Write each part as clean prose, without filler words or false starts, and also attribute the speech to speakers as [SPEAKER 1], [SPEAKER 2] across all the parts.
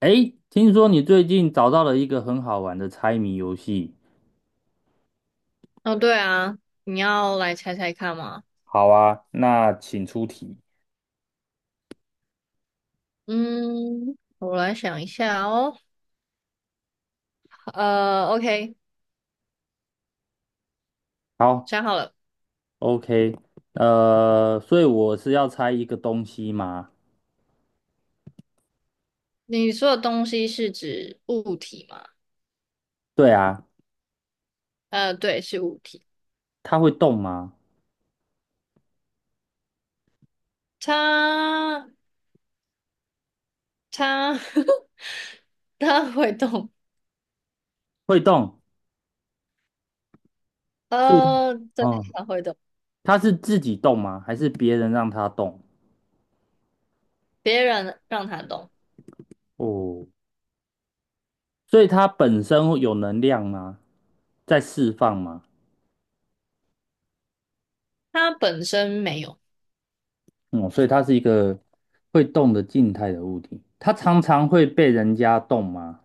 [SPEAKER 1] 哎，听说你最近找到了一个很好玩的猜谜游戏。
[SPEAKER 2] 哦，对啊，你要来猜猜看吗？
[SPEAKER 1] 好啊，那请出题。
[SPEAKER 2] 嗯，我来想一下哦。OK,
[SPEAKER 1] 好
[SPEAKER 2] 想好了。
[SPEAKER 1] ，OK，所以我是要猜一个东西吗？
[SPEAKER 2] 你说的东西是指物体吗？
[SPEAKER 1] 对啊，
[SPEAKER 2] 对，是物体。
[SPEAKER 1] 它会动吗？
[SPEAKER 2] 它它 它会动。
[SPEAKER 1] 会动，所以，
[SPEAKER 2] 对，
[SPEAKER 1] 嗯，
[SPEAKER 2] 它会动。
[SPEAKER 1] 它是自己动吗？还是别人让它动？
[SPEAKER 2] 别人让它动，
[SPEAKER 1] 哦，所以它本身有能量吗？在释放吗？
[SPEAKER 2] 它本身没有。
[SPEAKER 1] 嗯，所以它是一个会动的静态的物体。它常常会被人家动吗？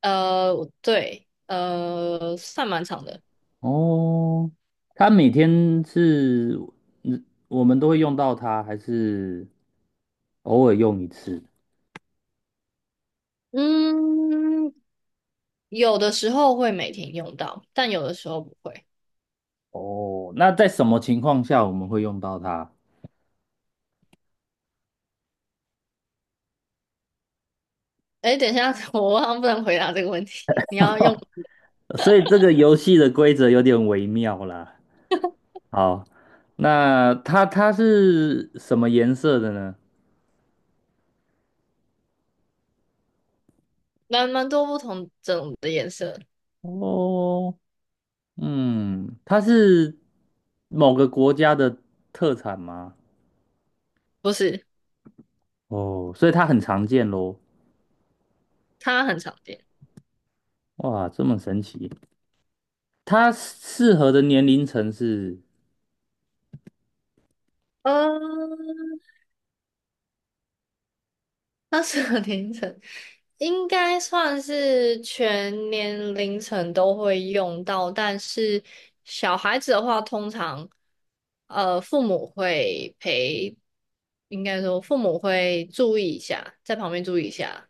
[SPEAKER 2] 呃，对，算蛮长的。
[SPEAKER 1] 哦，它每天是，嗯我们都会用到它，还是偶尔用一次？
[SPEAKER 2] 嗯，有的时候会每天用到，但有的时候不会。
[SPEAKER 1] 哦，那在什么情况下我们会用到它？
[SPEAKER 2] 哎，等一下，我好像不能回答这个问题。你要用
[SPEAKER 1] 所以这个游戏的规则有点微妙啦。好，那它是什么颜色的呢？
[SPEAKER 2] 蛮多不同种的颜色，
[SPEAKER 1] 哦，嗯，它是某个国家的特产吗？
[SPEAKER 2] 不是？
[SPEAKER 1] 哦，所以它很常见喽。
[SPEAKER 2] 它很常见。
[SPEAKER 1] 哇，这么神奇。它适合的年龄层是
[SPEAKER 2] 嗯，它是个凌晨，应该算是全年凌晨都会用到，但是小孩子的话，通常父母会陪，应该说父母会注意一下，在旁边注意一下。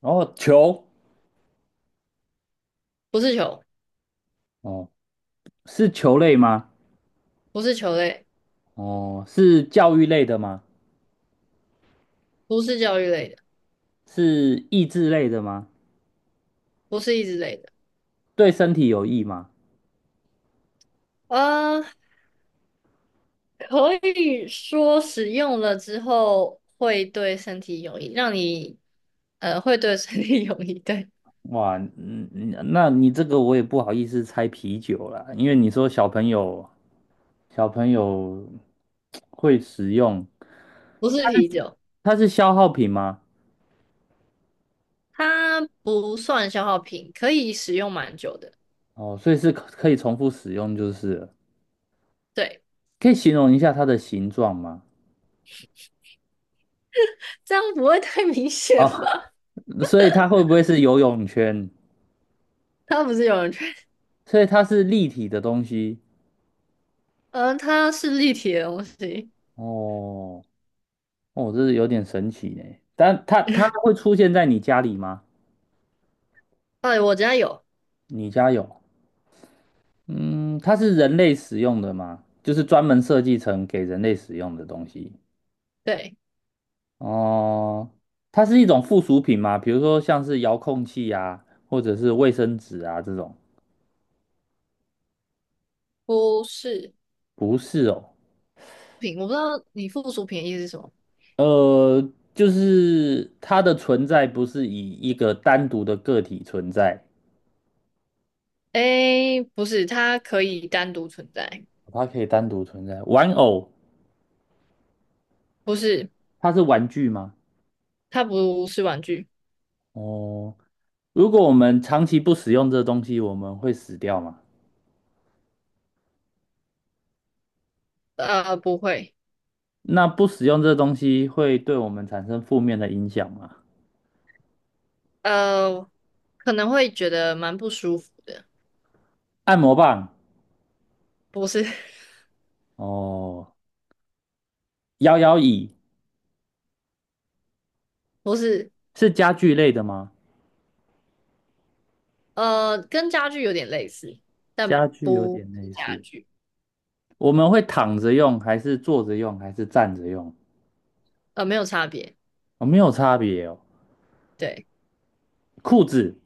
[SPEAKER 1] 哦，球，
[SPEAKER 2] 不是球，
[SPEAKER 1] 哦，是球类吗？
[SPEAKER 2] 不是球类，
[SPEAKER 1] 哦，是教育类的吗？
[SPEAKER 2] 不是教育类的，
[SPEAKER 1] 是益智类的吗？
[SPEAKER 2] 不是益智类的。
[SPEAKER 1] 对身体有益吗？
[SPEAKER 2] 呃，可以说使用了之后会对身体有益，让你会对身体有益。对，
[SPEAKER 1] 哇，嗯，嗯那你这个我也不好意思猜啤酒啦，因为你说小朋友会使用，
[SPEAKER 2] 不是
[SPEAKER 1] 它
[SPEAKER 2] 啤
[SPEAKER 1] 是
[SPEAKER 2] 酒，
[SPEAKER 1] 它是消耗品吗？
[SPEAKER 2] 它不算消耗品，可以使用蛮久的。
[SPEAKER 1] 哦，所以是可以重复使用就是了
[SPEAKER 2] 对，
[SPEAKER 1] 可以形容一下它的形状吗？
[SPEAKER 2] 这样不会太明显
[SPEAKER 1] 哦，
[SPEAKER 2] 吧？
[SPEAKER 1] 所以它会不会是游泳圈？
[SPEAKER 2] 它不是有人圈，
[SPEAKER 1] 所以它是立体的东西
[SPEAKER 2] 它是立体的东西。
[SPEAKER 1] 哦，哦，这是有点神奇呢。但它会出现在你家里吗？
[SPEAKER 2] 哎，我家有，
[SPEAKER 1] 你家有？嗯，它是人类使用的吗？就是专门设计成给人类使用的东西。
[SPEAKER 2] 对，
[SPEAKER 1] 哦，它是一种附属品吗？比如说像是遥控器啊，或者是卫生纸啊这种？
[SPEAKER 2] 不是
[SPEAKER 1] 不是哦，
[SPEAKER 2] 品，我不知道你附属品的意思是什么。
[SPEAKER 1] 就是它的存在不是以一个单独的个体存在。
[SPEAKER 2] 诶，不是，它可以单独存在，
[SPEAKER 1] 它可以单独存在。玩偶，
[SPEAKER 2] 不是，
[SPEAKER 1] 它是玩具吗？
[SPEAKER 2] 它不是玩具，
[SPEAKER 1] 哦，如果我们长期不使用这东西，我们会死掉吗？
[SPEAKER 2] 不会。
[SPEAKER 1] 那不使用这东西会对我们产生负面的影响吗？
[SPEAKER 2] 呃，可能会觉得蛮不舒服的，
[SPEAKER 1] 按摩棒，
[SPEAKER 2] 不是
[SPEAKER 1] 哦，摇摇椅
[SPEAKER 2] 不是，
[SPEAKER 1] 是家具类的吗？
[SPEAKER 2] 跟家具有点类似，但
[SPEAKER 1] 家具有
[SPEAKER 2] 不
[SPEAKER 1] 点
[SPEAKER 2] 是
[SPEAKER 1] 类
[SPEAKER 2] 家
[SPEAKER 1] 似，
[SPEAKER 2] 具，
[SPEAKER 1] 我们会躺着用，还是坐着用，还是站着用？
[SPEAKER 2] 没有差别。
[SPEAKER 1] 哦，没有差别哦。
[SPEAKER 2] 对，
[SPEAKER 1] 裤子，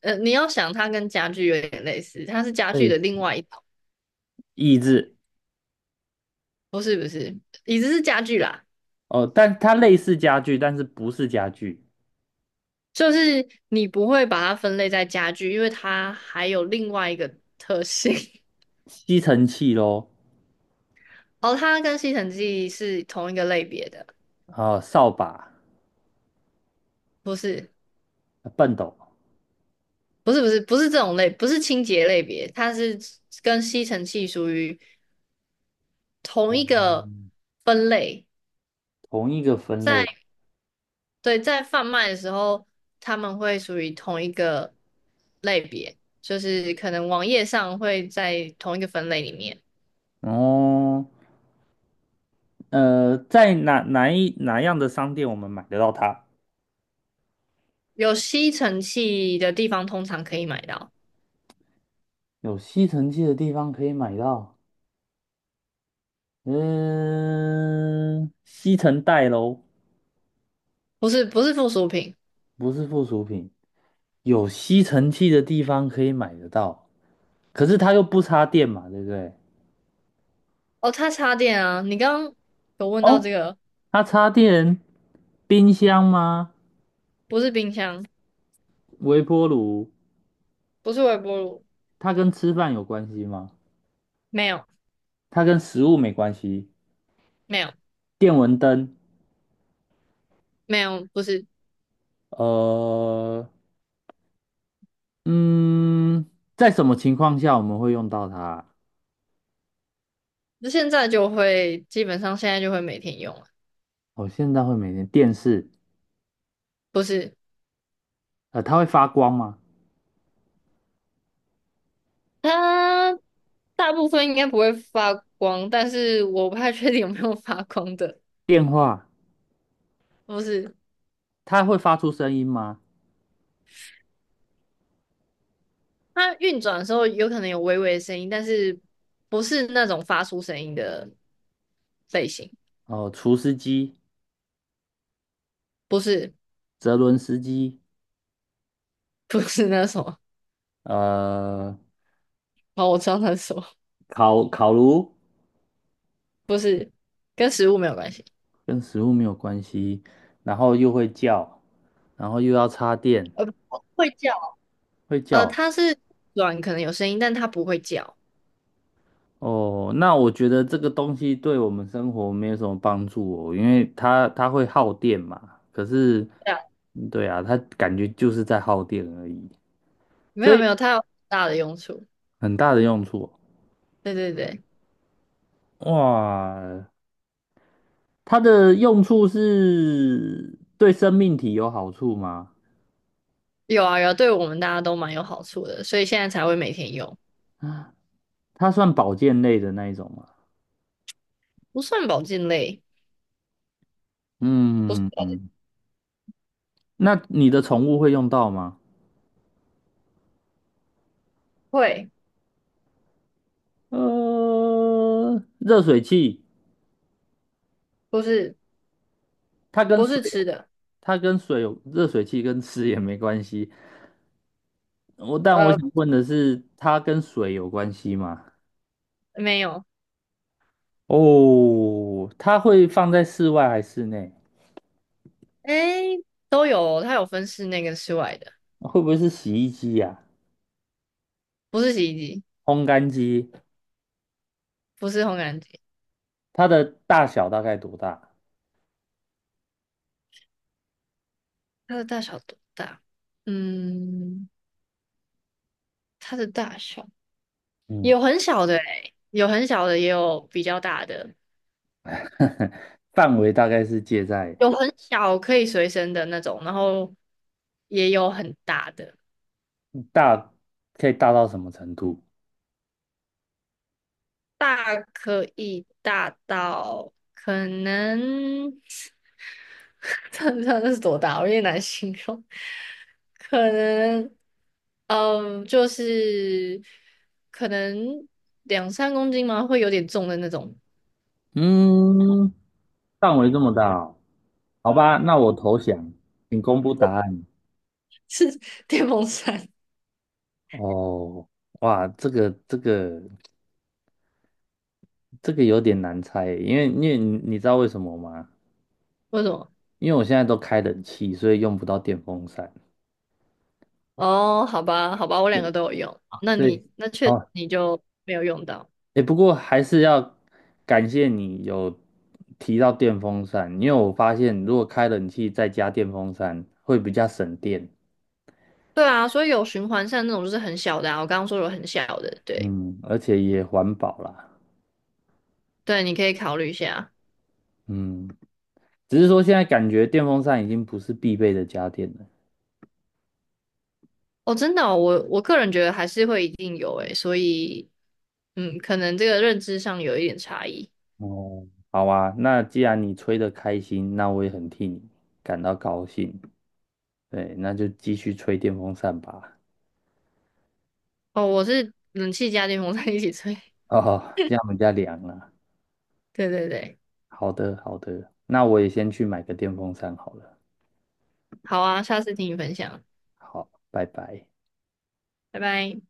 [SPEAKER 2] 你要想它跟家具有点类似，它是家具
[SPEAKER 1] 嗯，
[SPEAKER 2] 的另外一种，
[SPEAKER 1] 椅子，
[SPEAKER 2] 不是，椅子是家具啦，
[SPEAKER 1] 哦，但它类似家具，但是不是家具，
[SPEAKER 2] 就是你不会把它分类在家具，因为它还有另外一个特性，
[SPEAKER 1] 吸尘器咯。
[SPEAKER 2] 哦，它跟吸尘器是同一个类别的，
[SPEAKER 1] 啊，扫把、
[SPEAKER 2] 不是。
[SPEAKER 1] 畚斗，
[SPEAKER 2] 不是这种类，不是清洁类别，它是跟吸尘器属于同一个分类，
[SPEAKER 1] 同一个分类。
[SPEAKER 2] 在对在贩卖的时候，他们会属于同一个类别，就是可能网页上会在同一个分类里面，
[SPEAKER 1] 哦，在哪样的商店我们买得到它？
[SPEAKER 2] 有吸尘器的地方通常可以买到，
[SPEAKER 1] 有吸尘器的地方可以买到。嗯，吸尘袋喽，
[SPEAKER 2] 不是不是附属品
[SPEAKER 1] 不是附属品。有吸尘器的地方可以买得到，可是它又不插电嘛，对不对？
[SPEAKER 2] 哦，它插电啊，你刚刚有问到这
[SPEAKER 1] 哦，
[SPEAKER 2] 个，
[SPEAKER 1] 它插电，冰箱吗？
[SPEAKER 2] 不是冰箱，
[SPEAKER 1] 微波炉，
[SPEAKER 2] 不是微波炉，
[SPEAKER 1] 它跟吃饭有关系吗？
[SPEAKER 2] 没有
[SPEAKER 1] 它跟食物没关系。
[SPEAKER 2] 没有
[SPEAKER 1] 电蚊灯。
[SPEAKER 2] 没有，不是。
[SPEAKER 1] 呃，嗯，在什么情况下我们会用到它？
[SPEAKER 2] 那现在就基本上现在就会每天用了，
[SPEAKER 1] 我现在会每天电视，
[SPEAKER 2] 不是
[SPEAKER 1] 它会发光吗？
[SPEAKER 2] 它大部分应该不会发光，但是我不太确定有没有发光的，
[SPEAKER 1] 电话，
[SPEAKER 2] 不是
[SPEAKER 1] 它会发出声音吗？
[SPEAKER 2] 它运转的时候有可能有微微的声音，但是不是那种发出声音的类型，
[SPEAKER 1] 哦、除湿机、
[SPEAKER 2] 不是
[SPEAKER 1] 泽伦斯基，
[SPEAKER 2] 不是那什么，
[SPEAKER 1] 呃，
[SPEAKER 2] 哦，我知道那是什么，
[SPEAKER 1] 烤炉
[SPEAKER 2] 不是跟食物没有关系，
[SPEAKER 1] 跟食物没有关系，然后又会叫，然后又要插电，
[SPEAKER 2] 不会叫，
[SPEAKER 1] 会叫
[SPEAKER 2] 它是软可能有声音，但它不会叫，
[SPEAKER 1] 哦，那我觉得这个东西对我们生活没有什么帮助哦，因为它会耗电嘛。可是，
[SPEAKER 2] 对啊，
[SPEAKER 1] 嗯对啊，它感觉就是在耗电而已，
[SPEAKER 2] 没
[SPEAKER 1] 所
[SPEAKER 2] 有没
[SPEAKER 1] 以
[SPEAKER 2] 有，它有大的用处，
[SPEAKER 1] 很大的用处哦。
[SPEAKER 2] 对对对。
[SPEAKER 1] 哇，它的用处是对生命体有好处吗？
[SPEAKER 2] 有啊有啊，对我们大家都蛮有好处的，所以现在才会每天用，
[SPEAKER 1] 它算保健类的那一种吗？
[SPEAKER 2] 不算保健类，不是
[SPEAKER 1] 嗯嗯，
[SPEAKER 2] 保健，
[SPEAKER 1] 嗯那你的宠物会用到吗？
[SPEAKER 2] 会，
[SPEAKER 1] 呃，热水器。
[SPEAKER 2] 不是
[SPEAKER 1] 它跟
[SPEAKER 2] 不
[SPEAKER 1] 水
[SPEAKER 2] 是吃
[SPEAKER 1] 有，
[SPEAKER 2] 的，
[SPEAKER 1] 它跟水有，热水器跟吃也没关系。我但我
[SPEAKER 2] 呃，
[SPEAKER 1] 想问的是，它跟水有关系吗？
[SPEAKER 2] 没有，
[SPEAKER 1] 哦，它会放在室外还是室内？
[SPEAKER 2] 诶，都有哦它有分室内跟室外的，
[SPEAKER 1] 会不会是洗衣机呀、
[SPEAKER 2] 不是洗衣机，
[SPEAKER 1] 烘干机？
[SPEAKER 2] 不是烘干机，
[SPEAKER 1] 它的大小大概多大？
[SPEAKER 2] 它的大小多大？嗯，它的大小
[SPEAKER 1] 嗯，
[SPEAKER 2] 有很小的诶，有很小的，也有比较大的，
[SPEAKER 1] 范围大概是介在
[SPEAKER 2] 有很小可以随身的那种，然后也有很大的。
[SPEAKER 1] 大，可以大到什么程度？
[SPEAKER 2] 大可以大到可能，这是多大？我有点难形容。可能，嗯，就是可能2~3公斤吗？会有点重的那种，
[SPEAKER 1] 嗯，范围这么大哦好吧，那我投降，请公布答案。
[SPEAKER 2] 是电风扇。
[SPEAKER 1] 哦，哇，这个有点难猜耶因为因为你知道为什么吗？
[SPEAKER 2] 为什么？
[SPEAKER 1] 因为我现在都开冷气，所以用不到电风扇。
[SPEAKER 2] 哦，好吧，好吧，我两个都有用。好那
[SPEAKER 1] 对，
[SPEAKER 2] 你那确实
[SPEAKER 1] 哦，
[SPEAKER 2] 你就没有用到。
[SPEAKER 1] 哎，不过还是要感谢你有提到电风扇，因为我发现如果开冷气再加电风扇会比较省电，
[SPEAKER 2] 对啊，所以有循环扇那种就是很小的啊，我刚刚说有很小的，对
[SPEAKER 1] 嗯，而且也环保啦，
[SPEAKER 2] 对，你可以考虑一下。
[SPEAKER 1] 嗯，只是说现在感觉电风扇已经不是必备的家电了。
[SPEAKER 2] 哦，真的哦我我个人觉得还是会一定有诶，所以嗯，可能这个认知上有一点差异。
[SPEAKER 1] 哦，好啊，那既然你吹得开心，那我也很替你感到高兴。对，那就继续吹电风扇吧。
[SPEAKER 2] 哦，我是冷气加电风扇一起吹。
[SPEAKER 1] 哦，这样我们家凉了。
[SPEAKER 2] 对对对，
[SPEAKER 1] 好的，好的，那我也先去买个电风扇好了。
[SPEAKER 2] 好啊，下次听你分享，
[SPEAKER 1] 好，拜拜。
[SPEAKER 2] 拜拜。